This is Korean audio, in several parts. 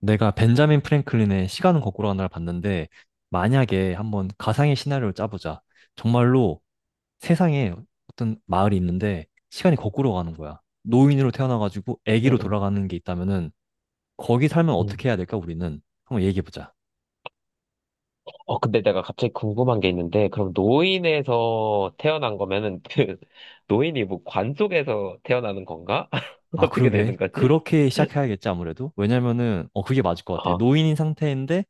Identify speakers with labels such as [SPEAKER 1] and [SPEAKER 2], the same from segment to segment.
[SPEAKER 1] 내가 벤자민 프랭클린의 시간은 거꾸로 간다를 봤는데 만약에 한번 가상의 시나리오를 짜보자. 정말로 세상에 어떤 마을이 있는데 시간이 거꾸로 가는 거야. 노인으로 태어나가지고
[SPEAKER 2] 응,
[SPEAKER 1] 아기로
[SPEAKER 2] 응,
[SPEAKER 1] 돌아가는 게 있다면은 거기 살면
[SPEAKER 2] 응.
[SPEAKER 1] 어떻게 해야 될까 우리는 한번 얘기해보자.
[SPEAKER 2] 어, 근데 내가 갑자기 궁금한 게 있는데, 그럼 노인에서 태어난 거면은, 그, 노인이 뭐 관 속에서 태어나는 건가?
[SPEAKER 1] 아
[SPEAKER 2] 어떻게
[SPEAKER 1] 그러게
[SPEAKER 2] 되는 거지?
[SPEAKER 1] 그렇게 시작해야겠지 아무래도 왜냐면은 그게 맞을 것 같아.
[SPEAKER 2] 아,
[SPEAKER 1] 노인인 상태인데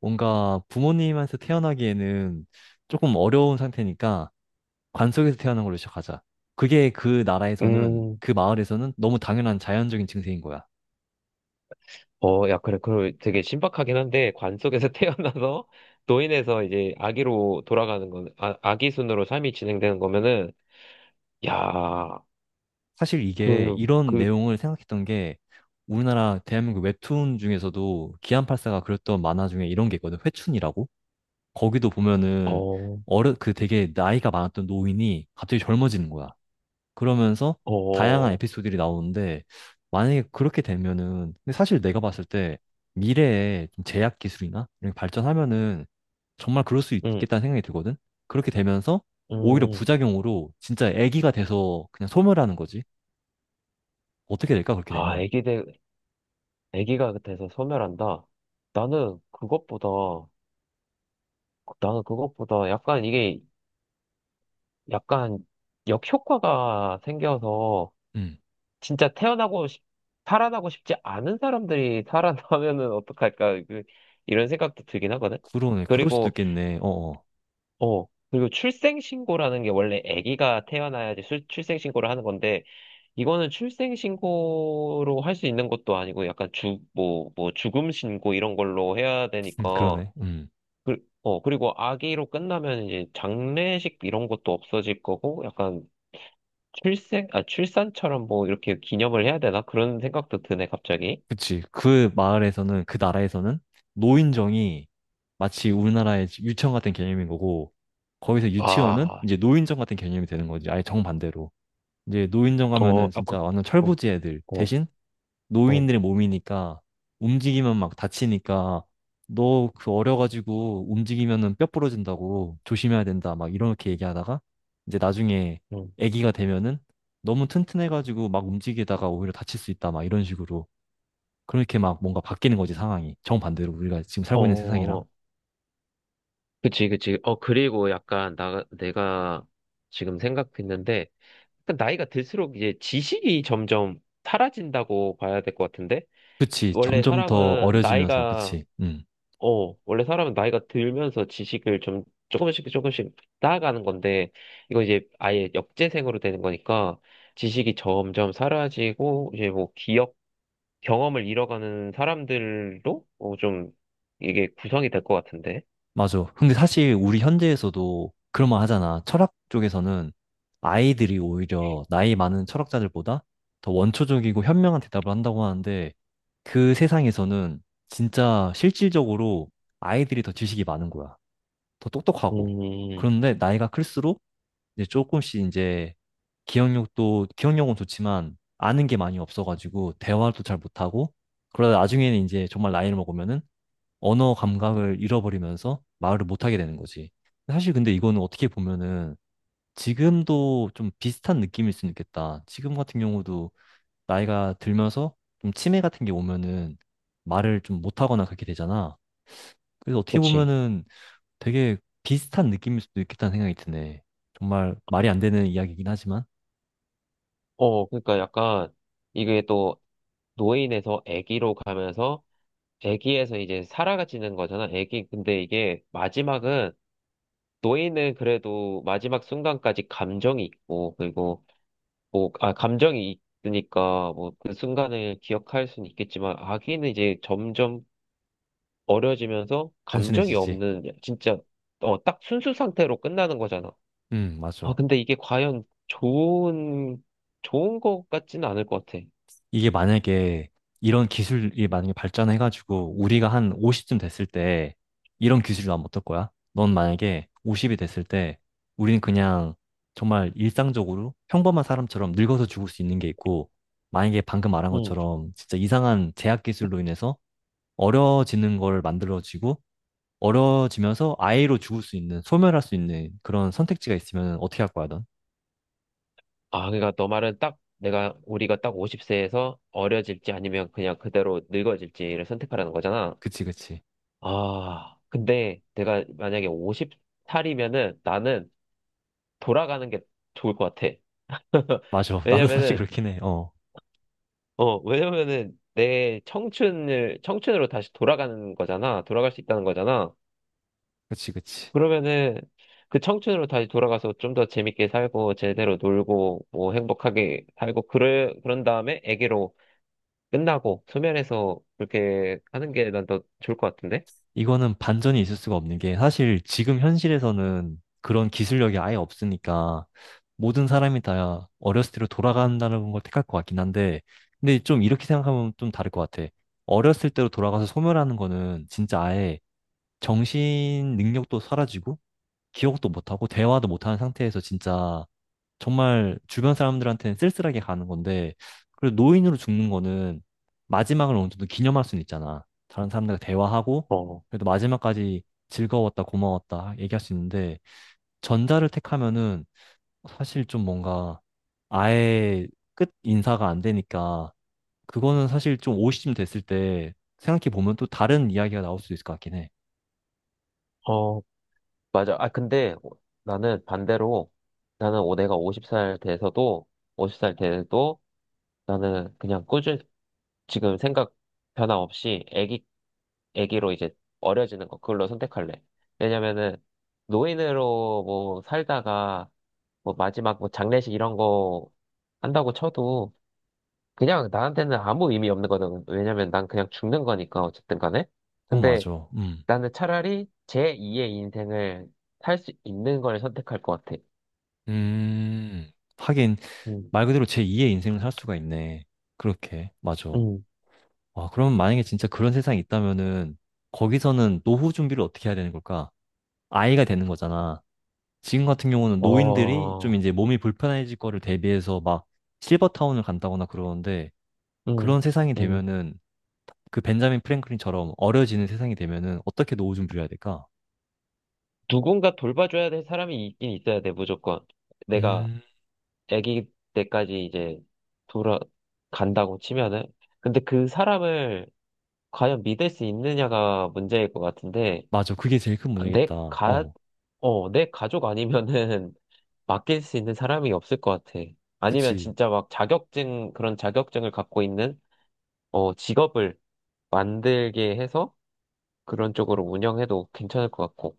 [SPEAKER 1] 뭔가 부모님한테 태어나기에는 조금 어려운 상태니까 관속에서 태어난 걸로 시작하자. 그게 그 나라에서는,
[SPEAKER 2] 음,
[SPEAKER 1] 그 마을에서는 너무 당연한 자연적인 증세인 거야.
[SPEAKER 2] 어, 야, 그래, 그 되게 신박하긴 한데, 관 속에서 태어나서, 노인에서 이제 아기로 돌아가는 건, 아, 아기 순으로 삶이 진행되는 거면은, 야,
[SPEAKER 1] 사실 이게
[SPEAKER 2] 그,
[SPEAKER 1] 이런
[SPEAKER 2] 그,
[SPEAKER 1] 내용을 생각했던 게 우리나라 대한민국 웹툰 중에서도 기안팔사가 그렸던 만화 중에 이런 게 있거든. 회춘이라고. 거기도 보면은
[SPEAKER 2] 어,
[SPEAKER 1] 어르 그 되게 나이가 많았던 노인이 갑자기 젊어지는 거야. 그러면서 다양한
[SPEAKER 2] 어,
[SPEAKER 1] 에피소드들이 나오는데 만약에 그렇게 되면은 근데 사실 내가 봤을 때 미래에 좀 제약 기술이나 이런 게 발전하면은 정말 그럴 수
[SPEAKER 2] 음,
[SPEAKER 1] 있겠다는 생각이 들거든. 그렇게 되면서 오히려
[SPEAKER 2] 음,
[SPEAKER 1] 부작용으로 진짜 애기가 돼서 그냥 소멸하는 거지. 어떻게 될까 그렇게
[SPEAKER 2] 아,
[SPEAKER 1] 되면?
[SPEAKER 2] 애기들, 애기가 돼서 소멸한다. 나는 그것보다, 나는 그것보다 약간 이게 약간 역효과가 생겨서
[SPEAKER 1] 음.
[SPEAKER 2] 진짜 태어나고 싶, 살아나고 싶지 않은 사람들이 살아나면은 어떡할까. 그, 이런 생각도 들긴 하거든.
[SPEAKER 1] 그러네. 그럴 수도
[SPEAKER 2] 그리고,
[SPEAKER 1] 있겠네. 어어.
[SPEAKER 2] 어, 그리고 출생신고라는 게 원래 아기가 태어나야지 출생신고를 하는 건데, 이거는 출생신고로 할 수 있는 것도 아니고 약간 주, 뭐, 죽음신고 이런 걸로 해야 되니까,
[SPEAKER 1] 그러네. 음.
[SPEAKER 2] 그, 어, 그리고 아기로 끝나면 이제 장례식 이런 것도 없어질 거고, 약간 아, 출산처럼 뭐 이렇게 기념을 해야 되나? 그런 생각도 드네, 갑자기.
[SPEAKER 1] 그치. 그 마을에서는, 그 나라에서는 노인정이 마치 우리나라의 유치원 같은 개념인 거고, 거기서 유치원은
[SPEAKER 2] 아,
[SPEAKER 1] 이제 노인정 같은 개념이 되는 거지. 아예 정반대로. 이제 노인정
[SPEAKER 2] 어,
[SPEAKER 1] 가면은
[SPEAKER 2] 아, 그,
[SPEAKER 1] 진짜 완전
[SPEAKER 2] 어,
[SPEAKER 1] 철부지 애들.
[SPEAKER 2] 어,
[SPEAKER 1] 대신
[SPEAKER 2] 어,
[SPEAKER 1] 노인들의 몸이니까 움직이면 막 다치니까 너 그 어려가지고 움직이면은 뼈 부러진다고 조심해야 된다. 막 이렇게 얘기하다가 이제 나중에
[SPEAKER 2] 음.
[SPEAKER 1] 애기가 되면은 너무 튼튼해가지고 막 움직이다가 오히려 다칠 수 있다. 막 이런 식으로. 그렇게 막 뭔가 바뀌는 거지, 상황이. 정반대로 우리가 지금
[SPEAKER 2] 어,
[SPEAKER 1] 살고 있는
[SPEAKER 2] 어,
[SPEAKER 1] 세상이랑.
[SPEAKER 2] 어. 그치, 그치. 어, 그리고 약간 내가 지금 생각했는데, 약간 나이가 들수록 이제 지식이 점점 사라진다고 봐야 될 것 같은데?
[SPEAKER 1] 그치,
[SPEAKER 2] 원래
[SPEAKER 1] 점점 더
[SPEAKER 2] 사람은
[SPEAKER 1] 어려지면서,
[SPEAKER 2] 나이가
[SPEAKER 1] 그치.
[SPEAKER 2] 원래 사람은 나이가 들면서 지식을 좀 조금씩 조금씩 쌓아가는 건데, 이거 이제 아예 역재생으로 되는 거니까, 지식이 점점 사라지고, 이제 뭐 기억, 경험을 잃어가는 사람들로 어, 좀 이게 구성이 될 것 같은데.
[SPEAKER 1] 맞아. 근데 사실 우리 현대에서도 그런 말 하잖아. 철학 쪽에서는 아이들이 오히려 나이 많은 철학자들보다 더 원초적이고 현명한 대답을 한다고 하는데 그 세상에서는 진짜 실질적으로 아이들이 더 지식이 많은 거야. 더 똑똑하고.
[SPEAKER 2] 음,
[SPEAKER 1] 그런데 나이가 클수록 이제 조금씩 이제 기억력도, 기억력은 좋지만 아는 게 많이 없어가지고 대화도 잘 못하고 그러다 나중에는 이제 정말 나이를 먹으면은 언어 감각을 잃어버리면서 말을 못하게 되는 거지. 사실 근데 이거는 어떻게 보면은 지금도 좀 비슷한 느낌일 수는 있겠다. 지금 같은 경우도 나이가 들면서 좀 치매 같은 게 오면은 말을 좀 못하거나 그렇게 되잖아. 그래서 어떻게
[SPEAKER 2] 그치.
[SPEAKER 1] 보면은 되게 비슷한 느낌일 수도 있겠다는 생각이 드네. 정말 말이 안 되는 이야기이긴 하지만.
[SPEAKER 2] 어, 그러니까 약간 이게 또 노인에서 아기로 가면서 아기에서 이제 살아가지는 거잖아. 아기 근데 이게 마지막은 노예는 그래도 마지막 순간까지 감정이 있고, 그리고, 뭐, 아, 감정이 있으니까, 뭐, 그 순간을 기억할 수는 있겠지만, 아기는 이제 점점 어려지면서 감정이
[SPEAKER 1] 단순해지지.
[SPEAKER 2] 없는, 진짜, 어, 딱 순수 상태로 끝나는 거잖아. 아,
[SPEAKER 1] 맞아.
[SPEAKER 2] 근데 이게 과연 좋은 것 같지는 않을 것 같아.
[SPEAKER 1] 이게 만약에 이런 기술이 만약에 발전해가지고 우리가 한 50쯤 됐을 때 이런 기술이 나면 어떨 거야? 넌 만약에 50이 됐을 때 우리는 그냥 정말 일상적으로 평범한 사람처럼 늙어서 죽을 수 있는 게 있고 만약에 방금 말한
[SPEAKER 2] 음.
[SPEAKER 1] 것처럼 진짜 이상한 제약 기술로 인해서 어려워지는 걸 만들어지고 어려워지면서 아예로 죽을 수 있는 소멸할 수 있는 그런 선택지가 있으면 어떻게 할 거야, 넌?
[SPEAKER 2] 아, 그러니까 너 말은 딱, 내가, 우리가 딱 50세에서 어려질지 아니면 그냥 그대로 늙어질지를 선택하라는 거잖아.
[SPEAKER 1] 그치, 그치.
[SPEAKER 2] 아, 근데 내가 만약에 50살이면은 나는 돌아가는 게 좋을 것 같아.
[SPEAKER 1] 맞아. 나도 사실
[SPEAKER 2] 왜냐면은,
[SPEAKER 1] 그렇긴 해. 어.
[SPEAKER 2] 어, 왜냐면은 내 청춘을, 청춘으로 다시 돌아가는 거잖아. 돌아갈 수 있다는 거잖아.
[SPEAKER 1] 그치, 그치.
[SPEAKER 2] 그러면은 그 청춘으로 다시 돌아가서 좀 더 재밌게 살고, 제대로 놀고, 뭐 행복하게 살고, 그래, 그런 다음에 애기로 끝나고, 소멸해서 그렇게 하는 게 난 더 좋을 것 같은데?
[SPEAKER 1] 이거는 반전이 있을 수가 없는 게 사실 지금 현실에서는 그런 기술력이 아예 없으니까 모든 사람이 다 어렸을 때로 돌아간다는 걸 택할 것 같긴 한데 근데 좀 이렇게 생각하면 좀 다를 것 같아. 어렸을 때로 돌아가서 소멸하는 거는 진짜 아예 정신 능력도 사라지고 기억도 못하고 대화도 못하는 상태에서 진짜 정말 주변 사람들한테는 쓸쓸하게 가는 건데, 그리고 노인으로 죽는 거는 마지막을 어느 정도 기념할 수는 있잖아. 다른 사람들과 대화하고,
[SPEAKER 2] 어,
[SPEAKER 1] 그래도 마지막까지 즐거웠다, 고마웠다 얘기할 수 있는데, 전자를 택하면은 사실 좀 뭔가 아예 끝 인사가 안 되니까, 그거는 사실 좀 오십쯤 됐을 때 생각해 보면 또 다른 이야기가 나올 수도 있을 것 같긴 해.
[SPEAKER 2] 어, 맞아. 아, 근데 나는 반대로 나는 내가 50살 돼서도 50살 돼도 나는 그냥 꾸준히 지금 생각 변화 없이 애기, 애기로 이제 어려지는 거 그걸로 선택할래. 왜냐면은 노인으로 뭐 살다가 뭐 마지막 뭐 장례식 이런 거 한다고 쳐도 그냥 나한테는 아무 의미 없는 거거든. 왜냐면 난 그냥 죽는 거니까 어쨌든 간에.
[SPEAKER 1] 그건
[SPEAKER 2] 근데
[SPEAKER 1] 맞아. 음.
[SPEAKER 2] 나는 차라리 제2의 인생을 살 수 있는 걸 선택할 것 같아.
[SPEAKER 1] 음. 하긴,
[SPEAKER 2] 음,
[SPEAKER 1] 말 그대로 제2의 인생을 살 수가 있네. 그렇게, 맞아.
[SPEAKER 2] 음,
[SPEAKER 1] 와, 그럼 만약에 진짜 그런 세상이 있다면은 거기서는 노후 준비를 어떻게 해야 되는 걸까? 아이가 되는 거잖아. 지금 같은 경우는 노인들이 좀
[SPEAKER 2] 어,
[SPEAKER 1] 이제 몸이 불편해질 거를 대비해서 막 실버타운을 간다거나 그러는데
[SPEAKER 2] 음,
[SPEAKER 1] 그런 세상이
[SPEAKER 2] 음.
[SPEAKER 1] 되면은 그 벤자민 프랭클린처럼 어려지는 세상이 되면은 어떻게 노후 준비를 해야 될까?
[SPEAKER 2] 누군가 돌봐줘야 될 사람이 있긴 있어야 돼, 무조건. 내가
[SPEAKER 1] 음,
[SPEAKER 2] 아기 때까지 이제 돌아간다고 치면은. 근데 그 사람을 과연 믿을 수 있느냐가 문제일 것 같은데,
[SPEAKER 1] 맞아. 그게 제일 큰
[SPEAKER 2] 아,
[SPEAKER 1] 문제겠다. 어,
[SPEAKER 2] 어, 내 가족 아니면은 맡길 수 있는 사람이 없을 것 같아. 아니면
[SPEAKER 1] 그치.
[SPEAKER 2] 진짜 막 자격증, 그런 자격증을 갖고 있는, 어, 직업을 만들게 해서 그런 쪽으로 운영해도 괜찮을 것 같고.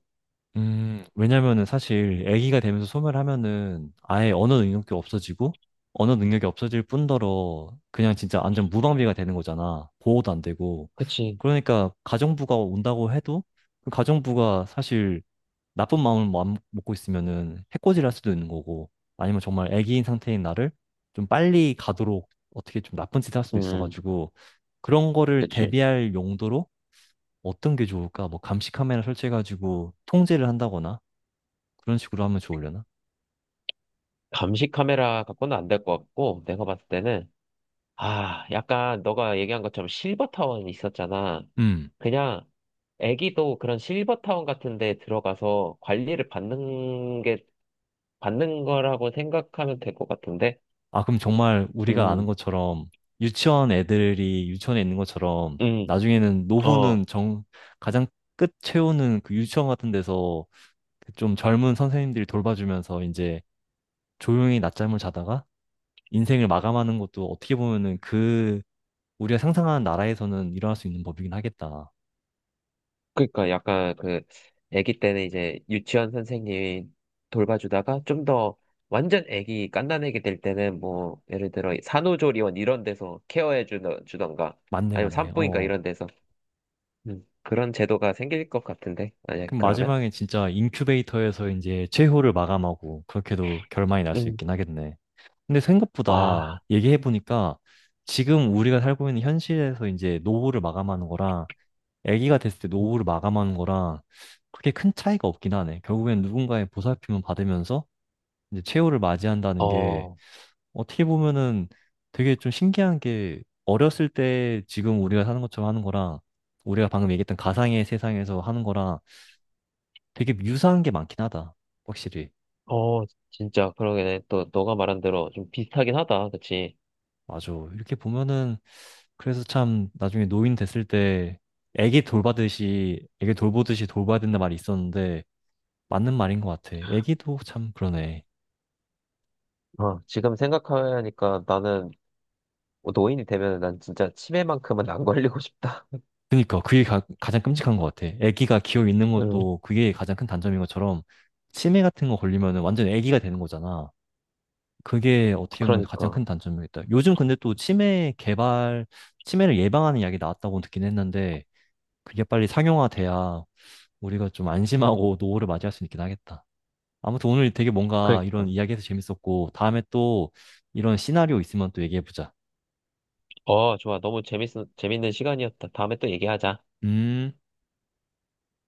[SPEAKER 1] 왜냐면은 사실 아기가 되면서 소멸하면은 아예 언어 능력이 없어지고 언어 능력이 없어질 뿐더러 그냥 진짜 완전 무방비가 되는 거잖아. 보호도 안 되고.
[SPEAKER 2] 그치.
[SPEAKER 1] 그러니까 가정부가 온다고 해도 그 가정부가 사실 나쁜 마음을 먹고 있으면은 해코지를 할 수도 있는 거고 아니면 정말 아기인 상태인 나를 좀 빨리 가도록 어떻게 좀 나쁜 짓을 할 수도
[SPEAKER 2] 음,
[SPEAKER 1] 있어가지고 그런 거를
[SPEAKER 2] 그치.
[SPEAKER 1] 대비할 용도로 어떤 게 좋을까? 뭐 감시 카메라 설치해가지고 통제를 한다거나 그런 식으로 하면 좋으려나?
[SPEAKER 2] 감시 카메라 갖고는 안 될 것 같고, 내가 봤을 때는, 아, 약간 너가 얘기한 것처럼 실버 타운 있었잖아.
[SPEAKER 1] 음.
[SPEAKER 2] 그냥 애기도 그런 실버 타운 같은 데 들어가서 관리를 받는 거라고 생각하면 될 것 같은데?
[SPEAKER 1] 아, 그럼 정말 우리가 아는
[SPEAKER 2] 음,
[SPEAKER 1] 것처럼 유치원 애들이 유치원에 있는 것처럼
[SPEAKER 2] 음,
[SPEAKER 1] 나중에는
[SPEAKER 2] 어.
[SPEAKER 1] 노후는 가장 끝 채우는 그 유치원 같은 데서 그좀 젊은 선생님들이 돌봐주면서 이제 조용히 낮잠을 자다가 인생을 마감하는 것도 어떻게 보면은 그 우리가 상상하는 나라에서는 일어날 수 있는 법이긴 하겠다.
[SPEAKER 2] 그러니까 약간 그 아기 때는 이제 유치원 선생님이 돌봐주다가 좀 더 완전 아기 갓난아기 될 때는 뭐 예를 들어 산후조리원 이런 데서 케어해 주던가
[SPEAKER 1] 맞네,
[SPEAKER 2] 아니면
[SPEAKER 1] 맞네.
[SPEAKER 2] 산부인과
[SPEAKER 1] 어.
[SPEAKER 2] 이런 데서 그런 제도가 생길 것 같은데 만약에
[SPEAKER 1] 그럼
[SPEAKER 2] 그러면
[SPEAKER 1] 마지막에 진짜 인큐베이터에서 이제 최후를 마감하고 그렇게도 결말이 날 수
[SPEAKER 2] 음,
[SPEAKER 1] 있긴 하겠네. 근데 생각보다
[SPEAKER 2] 와,
[SPEAKER 1] 얘기해보니까 지금 우리가 살고 있는 현실에서 이제 노후를 마감하는 거랑 아기가 됐을 때
[SPEAKER 2] 음,
[SPEAKER 1] 노후를 마감하는 거랑 그렇게 큰 차이가 없긴 하네. 결국엔 누군가의 보살핌을 받으면서 이제 최후를 맞이한다는 게
[SPEAKER 2] 어,
[SPEAKER 1] 어떻게 보면은 되게 좀 신기한 게 어렸을 때 지금 우리가 사는 것처럼 하는 거랑 우리가 방금 얘기했던 가상의 세상에서 하는 거랑 되게 유사한 게 많긴 하다. 확실히.
[SPEAKER 2] 어, 진짜 그러게 또 너가 말한 대로 좀 비슷하긴 하다, 그치?
[SPEAKER 1] 맞아. 이렇게 보면은 그래서 참 나중에 노인 됐을 때 애기 돌보듯이 돌봐야 된다 말이 있었는데 맞는 말인 것 같아. 애기도 참 그러네.
[SPEAKER 2] 어, 지금 생각하니까 나는 뭐 노인이 되면 난 진짜 치매만큼은 안 걸리고 싶다.
[SPEAKER 1] 그니까 그게 가장 끔찍한 것 같아. 애기가 기어 있는
[SPEAKER 2] 음,
[SPEAKER 1] 것도 그게 가장 큰 단점인 것처럼 치매 같은 거 걸리면 완전 애기가 되는 거잖아. 그게 어떻게 보면 가장
[SPEAKER 2] 그러니까.
[SPEAKER 1] 큰 단점이겠다. 요즘 근데 또 치매를 예방하는 약이 나왔다고 듣긴 했는데 그게 빨리 상용화돼야 우리가 좀 안심하고 노후를 맞이할 수 있긴 하겠다. 아무튼 오늘 되게 뭔가 이런
[SPEAKER 2] 그러니까.
[SPEAKER 1] 이야기해서 재밌었고, 다음에 또 이런 시나리오 있으면 또 얘기해보자.
[SPEAKER 2] 어, 좋아. 너무 재밌는 시간이었다. 다음에 또 얘기하자.
[SPEAKER 1] 음.